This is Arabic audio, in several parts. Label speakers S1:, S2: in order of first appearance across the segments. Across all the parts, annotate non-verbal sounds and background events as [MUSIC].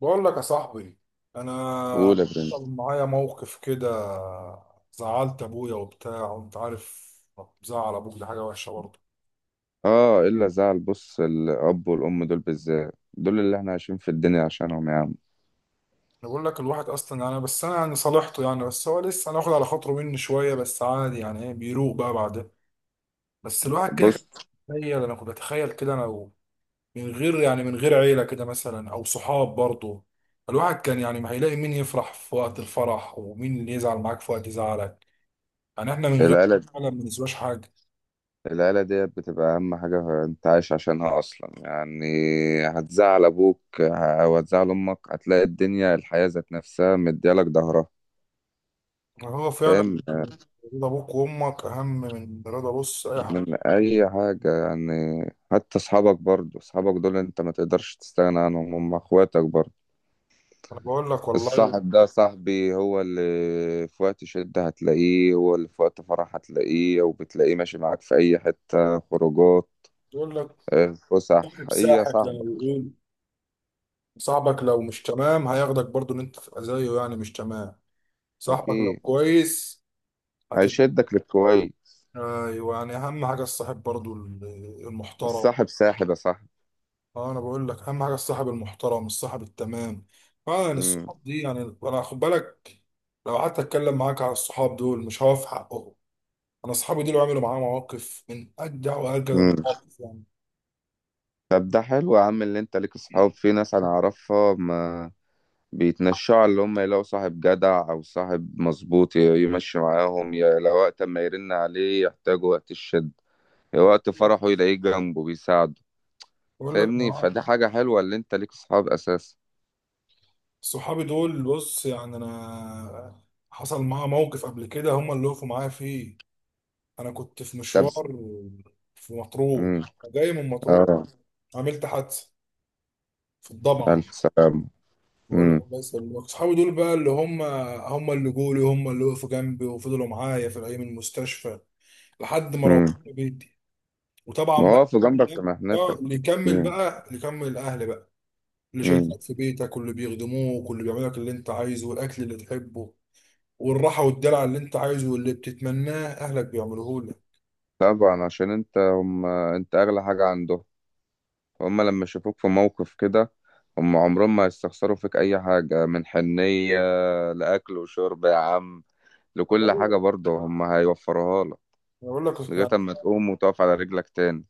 S1: بقول لك يا صاحبي، انا
S2: قول يا برنس.
S1: حصل معايا موقف كده. زعلت ابويا وبتاع وانت عارف. زعل ابوك دي حاجه وحشه برضه.
S2: اه، الا زعل. بص، الاب والام دول بالذات دول اللي احنا عايشين في الدنيا عشانهم يا عم.
S1: انا بقول لك الواحد اصلا يعني، بس انا يعني صالحته يعني، بس هو لسه هناخد على خاطره مني شويه، بس عادي يعني، ايه، بيروق بقى بعدها. بس الواحد كده
S2: بص،
S1: كان بيتخيل، انا كنت بتخيل كده من غير يعني، من غير عيله كده مثلا او صحاب برضه. الواحد كان يعني ما هيلاقي مين يفرح في وقت الفرح ومين اللي يزعل معاك في وقت زعلك. يعني احنا من غير
S2: العيلة
S1: ما بنسواش حاجه.
S2: العيلة ديت بتبقى أهم حاجة أنت عايش عشانها أصلا يعني. هتزعل أبوك وهتزعل أمك، هتلاقي الدنيا الحياة ذات نفسها مديالك ظهرها.
S1: هو فعلا
S2: فاهم يعني؟
S1: رضا ابوك وامك اهم من رضا، بص، اي حد.
S2: من أي حاجة يعني. حتى أصحابك برضو، أصحابك دول أنت ما تقدرش تستغنى عنهم، هم أخواتك برضو.
S1: انا بقول لك والله.
S2: الصاحب ده صاحبي هو اللي في وقت شدة هتلاقيه، هو اللي في وقت فرح هتلاقيه وبتلاقيه ماشي معاك في أي حتة خروجات.
S1: بقول لك
S2: آه، فسح
S1: صاحب
S2: هي
S1: ساحب زي ما
S2: صاحبك.
S1: بيقول. صاحبك لو مش تمام هياخدك برضو ان انت تبقى زيه، يعني مش تمام. صاحبك لو
S2: أكيد.
S1: كويس هتبقى،
S2: هيشدك للكويس.
S1: ايوه، يعني اهم حاجه الصاحب برضو المحترم.
S2: الصاحب ساحب يا صاحبي.
S1: اه، انا بقول لك اهم حاجه الصاحب المحترم، الصاحب التمام. اه يعني
S2: مم.
S1: الصحاب دي يعني انا خد بالك، لو قعدت اتكلم معاك على الصحاب دول مش هقف حقهم. انا اصحابي دول عملوا معايا مواقف من اجدع واجدع
S2: مم.
S1: المواقف يعني.
S2: طب ده حلو يا عم اللي انت ليك صحاب. في ناس انا اعرفها ما بيتنشعوا، اللي هم يلاقوا صاحب جدع او صاحب مظبوط يمشي معاهم، يا لو وقت ما يرن عليه يحتاجوا وقت الشد يا وقت فرحه يلاقيه جنبه بيساعده.
S1: بقول لك
S2: فاهمني؟
S1: مع-
S2: فدي حاجة حلوة اللي انت ليك صحاب اساسا.
S1: صحابي دول بص يعني انا حصل معايا موقف قبل كده هم اللي وقفوا معايا فيه. انا كنت في
S2: طب.
S1: مشوار في مطروح،
S2: امم.
S1: جاي من مطروح،
S2: اه،
S1: عملت حادثه في الضبعه.
S2: الف سلامة.
S1: بقول لك
S2: امم.
S1: بس صحابي دول بقى اللي هم، هم اللي جولي، هم اللي وقفوا جنبي وفضلوا معايا في الايام المستشفى لحد ما روحت
S2: امم.
S1: بيتي. وطبعا بقى،
S2: واقف جنبك في
S1: اه،
S2: مهنتك.
S1: اللي يكمل
S2: امم.
S1: بقى، اللي يكمل الاهل بقى، اللي
S2: امم.
S1: شايلينك في بيتك واللي بيخدموك واللي بيعملوا لك اللي انت عايزه، والاكل اللي تحبه والراحه والدلع اللي انت عايزه واللي بتتمناه اهلك بيعملوه لك.
S2: طبعا عشان انت، هم انت اغلى حاجة عندهم. هم لما يشوفوك في موقف كده، هم عمرهم ما يستخسروا فيك اي حاجة من حنية. لاكل وشرب يا عم.
S1: طب
S2: لكل
S1: بقول
S2: حاجة
S1: لك،
S2: برضه هم هيوفروها لك.
S1: بقول لك
S2: لغاية
S1: يعني،
S2: اما تقوم وتقف على رجلك تاني.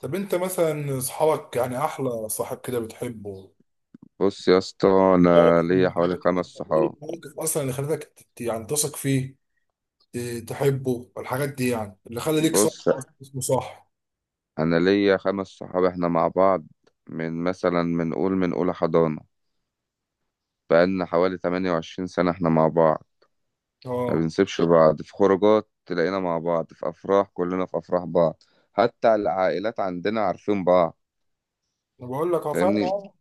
S1: طب انت مثلا اصحابك يعني احلى صاحب كده بتحبه،
S2: بص يا اسطى، انا
S1: مواقف اللي
S2: ليا حوالي
S1: خلتك ايه،
S2: خمس صحاب.
S1: المواقف اصلا اللي خلتك يعني تثق فيه، تحبه، الحاجات دي يعني اللي خلى ليك صاحب
S2: بص،
S1: اصلا اسمه صح.
S2: انا ليا خمس صحاب احنا مع بعض من مثلا، من قول، من اولى حضانة. بقالنا حوالي 28 سنة احنا مع بعض. ما
S1: اه
S2: بنسيبش بعض في خروجات، تلاقينا مع بعض في افراح، كلنا في افراح بعض. حتى العائلات عندنا عارفين بعض.
S1: انا بقول لك هو فعلا
S2: فاهمني؟
S1: اه.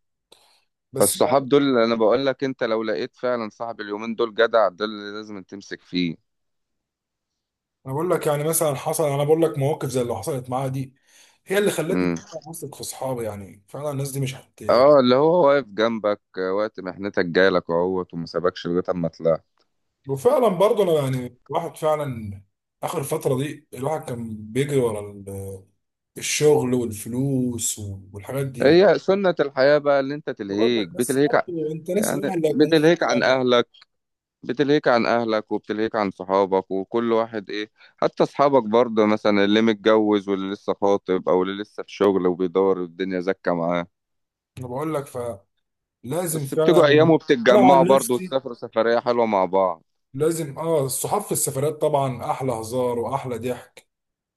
S1: بس
S2: فالصحاب دول اللي انا بقول لك، انت لو لقيت فعلا صاحب اليومين دول جدع، ده اللي لازم تمسك فيه.
S1: انا بقول لك يعني مثلا حصل، انا بقول لك مواقف زي اللي حصلت معايا دي هي اللي خلتني
S2: امم.
S1: فعلاً اثق في اصحابي، يعني فعلا الناس دي مش هت.
S2: اه، اللي هو واقف جنبك وقت محنتك جايلك اهوت وما سابكش لغايه اما طلعت.
S1: وفعلا برضه انا يعني الواحد فعلا اخر فتره دي الواحد كان بيجري ورا الشغل والفلوس والحاجات دي.
S2: هي سنة الحياة بقى اللي انت
S1: بقول
S2: تلهيك
S1: لك بس
S2: بتلهيك
S1: برضه انت ناس
S2: يعني.
S1: الاهل اللي هيكونوا
S2: بتلهيك عن
S1: صحابك.
S2: اهلك. بتلهيك عن اهلك وبتلهيك عن صحابك وكل واحد ايه. حتى اصحابك برضه مثلا، اللي متجوز واللي لسه خاطب او اللي لسه في شغل وبيدور والدنيا زكة معاه.
S1: انا بقول لك فلازم
S2: بس
S1: فعلا.
S2: بتيجوا ايام
S1: انا
S2: وبتتجمعوا
S1: عن
S2: برضه
S1: نفسي
S2: وتسافروا سفرية حلوة مع بعض.
S1: لازم، اه، الصحاب في السفرات طبعا احلى هزار واحلى ضحك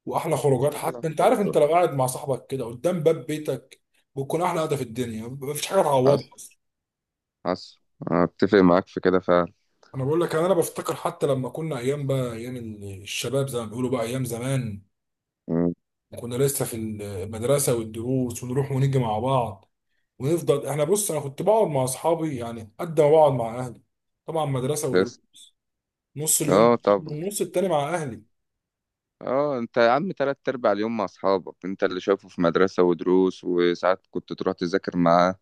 S1: واحلى خروجات.
S2: احلى
S1: حتى انت عارف
S2: خروجة.
S1: انت لو قاعد مع صاحبك كده قدام باب بيتك بتكون احلى قعده في الدنيا، مفيش حاجه تعوضها
S2: حصل.
S1: اصلا.
S2: حصل. أنا اتفق معاك في كده فعلا.
S1: انا بقول لك انا بفتكر حتى لما كنا ايام بقى، ايام الشباب زي ما بيقولوا بقى، ايام زمان
S2: مم.
S1: كنا لسه في المدرسه والدروس ونروح ونيجي مع بعض ونفضل احنا، بص انا كنت بقعد مع اصحابي يعني قد ما بقعد مع اهلي. طبعا مدرسه ودروس،
S2: بس
S1: نص
S2: اه،
S1: اليوم،
S2: طب
S1: والنص التاني مع اهلي.
S2: اه، انت يا عم تلات ارباع اليوم مع اصحابك انت اللي شايفه في مدرسة ودروس، وساعات كنت تروح تذاكر معاه.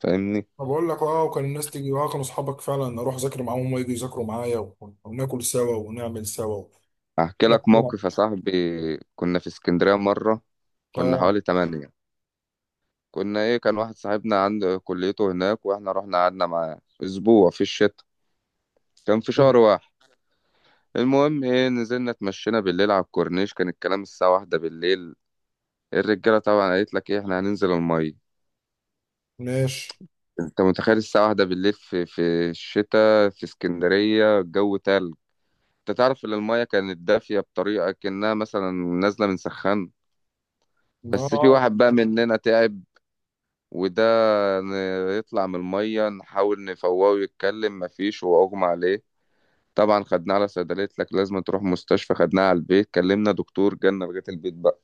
S2: فاهمني؟
S1: فبقول لك اه، وكان الناس تيجي، اه كانوا اصحابك فعلا، اروح اذاكر معاهم وهم يجوا يذاكروا معايا وناكل سوا ونعمل سوا
S2: احكي
S1: كل
S2: لك
S1: حاجة بقى.
S2: موقف يا صاحبي. كنا في اسكندرية مرة. كنا
S1: اه
S2: حوالي تمانية. كنا ايه، كان واحد صاحبنا عند كليته هناك واحنا رحنا قعدنا معاه اسبوع في الشتاء. كان في شهر واحد. المهم ايه، نزلنا اتمشينا بالليل على الكورنيش، كان الكلام الساعة واحدة بالليل. الرجالة طبعا قالت لك ايه، احنا هننزل المية.
S1: ماشي،
S2: انت متخيل الساعة واحدة بالليل في الشتاء في اسكندرية الجو تلج. انت تعرف ان المايه كانت دافيه بطريقه كانها مثلا نازله من سخان. بس في
S1: اه
S2: واحد بقى مننا تعب. وده يطلع من الميه نحاول نفوقه ويتكلم مفيش، هو اغمى عليه. طبعا خدناه على صيدليه، لك لازم تروح مستشفى، خدناه على البيت كلمنا دكتور جالنا لغايه البيت بقى.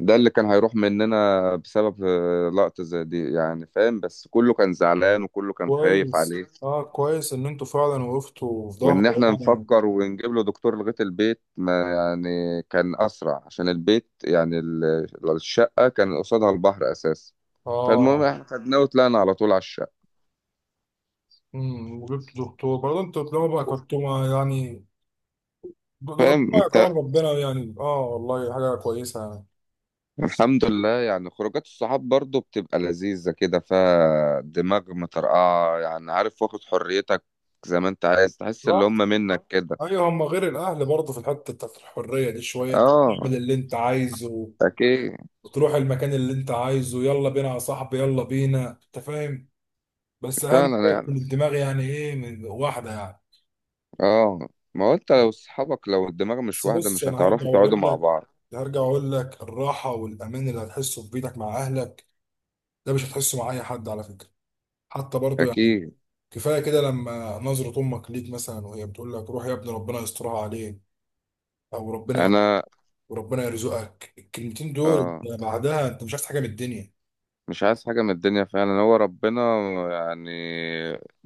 S2: ده اللي كان هيروح مننا بسبب لقطه زي دي يعني، فاهم؟ بس كله كان زعلان وكله كان خايف
S1: كويس،
S2: عليه.
S1: اه كويس ان انتوا فعلا وقفتوا في ظهره
S2: وان احنا
S1: يعني.
S2: نفكر ونجيب له دكتور لغايه البيت، ما يعني كان اسرع عشان البيت يعني، الشقه كان قصادها البحر اساسا. فالمهم
S1: اه،
S2: احنا خدناه وطلعنا على طول على الشقه.
S1: وجبت دكتور برضه انتوا طالما بقى يعني ده
S2: فاهم
S1: ربنا
S2: انت؟
S1: كرم، ربنا يعني اه والله حاجة كويسة يعني.
S2: الحمد لله يعني خروجات الصحاب برضو بتبقى لذيذه كده، فيها دماغ مطرقعه يعني، عارف، واخد حريتك زي ما انت عايز، تحس اللي هم
S1: رحت،
S2: منك كده.
S1: ايوه هم غير الاهل برضه في الحتة بتاعت الحرية دي شوية، انت
S2: اه،
S1: بتعمل اللي انت عايزه
S2: اكيد.
S1: وتروح المكان اللي انت عايزه. يلا بينا يا صاحبي، يلا بينا، انت فاهم. بس اهم
S2: فعلا
S1: حاجة
S2: يعني،
S1: تكون الدماغ يعني ايه من واحدة يعني.
S2: اه، ما هو انت لو صحابك لو الدماغ مش
S1: بس
S2: واحده
S1: بص
S2: مش
S1: انا هرجع
S2: هتعرفوا تقعدوا
S1: واقول
S2: مع
S1: لك،
S2: بعض.
S1: هرجع واقول لك الراحه والامان اللي هتحسه في بيتك مع اهلك ده مش هتحسه مع اي حد على فكره، حتى برضو يعني.
S2: اكيد.
S1: كفايه كده لما نظره امك ليك مثلا وهي بتقول لك روح يا ابني، ربنا يسترها عليك او ربنا
S2: انا
S1: وربنا يرزقك، الكلمتين دول
S2: آه
S1: أنت بعدها انت مش عايز حاجه من الدنيا.
S2: مش عايز حاجه من الدنيا فعلا، هو ربنا يعني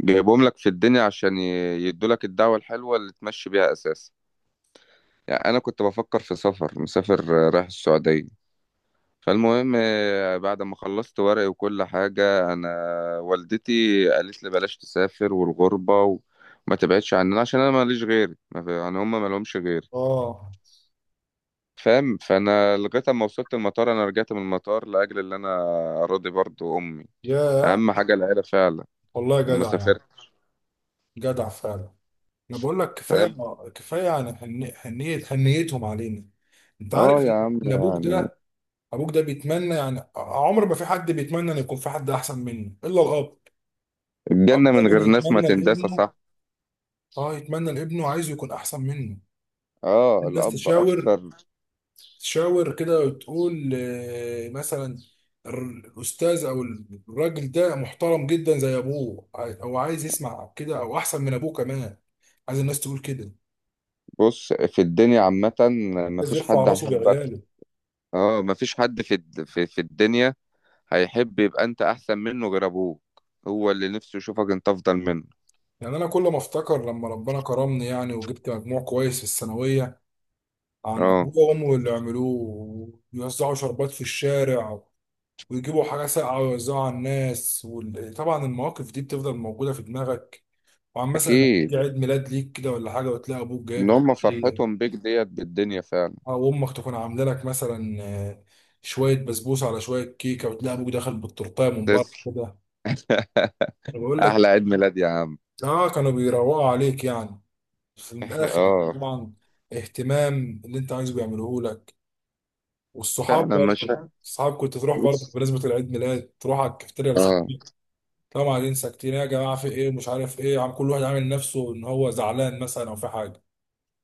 S2: جايبهم لك في الدنيا عشان يدوا لك الدعوه الحلوه اللي تمشي بيها اساسا يعني. انا كنت بفكر في سفر مسافر، رايح السعوديه. فالمهم، بعد ما خلصت ورقي وكل حاجه انا، والدتي قالت لي بلاش تسافر والغربه وما تبعدش عننا، عشان انا ماليش غيري، ما في- يعني هم ما لهمش غيري.
S1: اه
S2: فاهم؟ فانا لغايه اما وصلت المطار، انا رجعت من المطار لاجل اللي انا راضي برضو امي.
S1: يا،
S2: اهم حاجه العيله فعلا.
S1: والله
S2: لما
S1: جدع يعني،
S2: سافرت.
S1: جدع فعلا. انا بقول لك كفايه،
S2: فاهم؟
S1: كفايه يعني، حنية حنيتهم علينا. انت
S2: اه
S1: عارف
S2: يا عم
S1: ان ابوك
S2: يعني.
S1: ده، ابوك ده بيتمنى يعني عمر ما في حد بيتمنى ان يكون في حد احسن منه الا الاب.
S2: الجنه
S1: الاب
S2: من
S1: دايما
S2: غير ناس ما
S1: يتمنى
S2: تندسى
S1: لابنه،
S2: صح.
S1: اه، يتمنى لابنه عايزه يكون احسن منه.
S2: اه،
S1: الناس
S2: الاب
S1: تشاور،
S2: اكتر.
S1: تشاور كده وتقول، مثلا الاستاذ او الراجل ده محترم جدا زي ابوه او عايز يسمع كده، او احسن من ابوه كمان. عايز الناس تقول كده.
S2: بص في الدنيا عامه،
S1: عايز
S2: مفيش
S1: يرفع
S2: حد
S1: راسه
S2: هيحبك.
S1: بعياله.
S2: اه، مفيش حد في الدنيا هيحب يبقى انت احسن منه غير ابوك. هو اللي نفسه يشوفك انت افضل منه.
S1: يعني انا كل ما افتكر لما ربنا كرمني يعني وجبت مجموع كويس في الثانويه، عن
S2: اه،
S1: ابوه وامه اللي عملوه ويوزعوا شربات في الشارع ويجيبوا حاجه ساقعه ويوزعوها على الناس، وطبعا المواقف دي بتفضل موجوده في دماغك. وعن مثلا لما تيجي
S2: اكيد.
S1: عيد ميلاد ليك كده ولا حاجه وتلاقي ابوك
S2: ان
S1: جايب لك
S2: هم
S1: هديه،
S2: فرحتهم بيك ديت بالدنيا فعلا.
S1: او امك تكون عامله لك مثلا شويه بسبوسه على شويه كيكه، وتلاقي ابوك داخل بالتورتايه من بره
S2: تسلم.
S1: كده.
S2: [LAUGHS]
S1: أنا بقول لك
S2: احلى عيد ميلاد يا عم.
S1: اه، كانوا بيروقوا عليك يعني في
S2: [LAUGHS]
S1: الاخر يعني.
S2: اه.
S1: طبعا اهتمام اللي انت عايزه بيعملوه لك، والصحاب
S2: فعلا مش.
S1: برضه. الصحاب كنت تروح برضه
S2: بص.
S1: بمناسبة العيد ميلاد تروح على الكافتيريا
S2: اه.
S1: لاصحابك. طبعا ننسى كتير يا جماعة في ايه، مش عارف ايه، عم كل واحد عامل نفسه ان هو زعلان مثلا او في حاجة،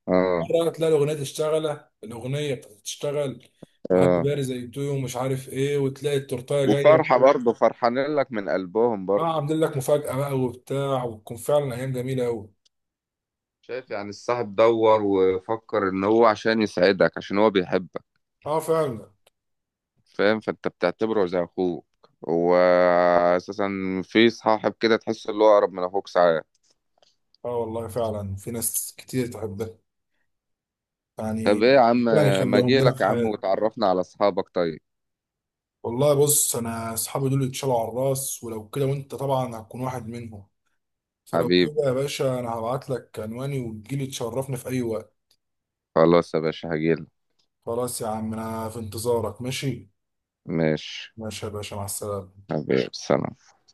S2: اه.
S1: مرة تلاقي الأغنية تشتغل، الأغنية بتاعت تشتغل، وهابي
S2: اه،
S1: باري زي تو ومش عارف ايه، وتلاقي التورتاية جاية
S2: وفرحة برضه فرحانين لك من قلبهم
S1: اه
S2: برضه.
S1: عاملين لك مفاجأة بقى وبتاع، وتكون فعلا أيام جميلة أوي.
S2: شايف يعني الصاحب دور وفكر ان هو عشان يسعدك، عشان هو بيحبك.
S1: اه فعلا.
S2: فاهم؟ فانت بتعتبره زي اخوك هو اساسا. في صاحب كده تحس اللي هو اقرب من اخوك ساعات.
S1: اه والله فعلا في ناس كتير تحبها
S2: طب
S1: يعني،
S2: ايه يا عم.
S1: ربنا
S2: ما
S1: يخليهم لنا
S2: اجيلك
S1: في
S2: يا عم
S1: حياتنا.
S2: وتعرفنا على اصحابك طيب.
S1: والله بص انا اصحابي دول اتشالوا على الراس، ولو كده وانت طبعا هتكون واحد منهم، فلو
S2: حبيب.
S1: كده يا باشا انا هبعت لك عنواني وتجيلي تشرفني في اي وقت.
S2: خلاص يا باشا هجيلك.
S1: خلاص يا عم، انا في انتظارك، ماشي؟
S2: ماشي.
S1: ماشي يا باشا، مع السلامة.
S2: حبيب سلام.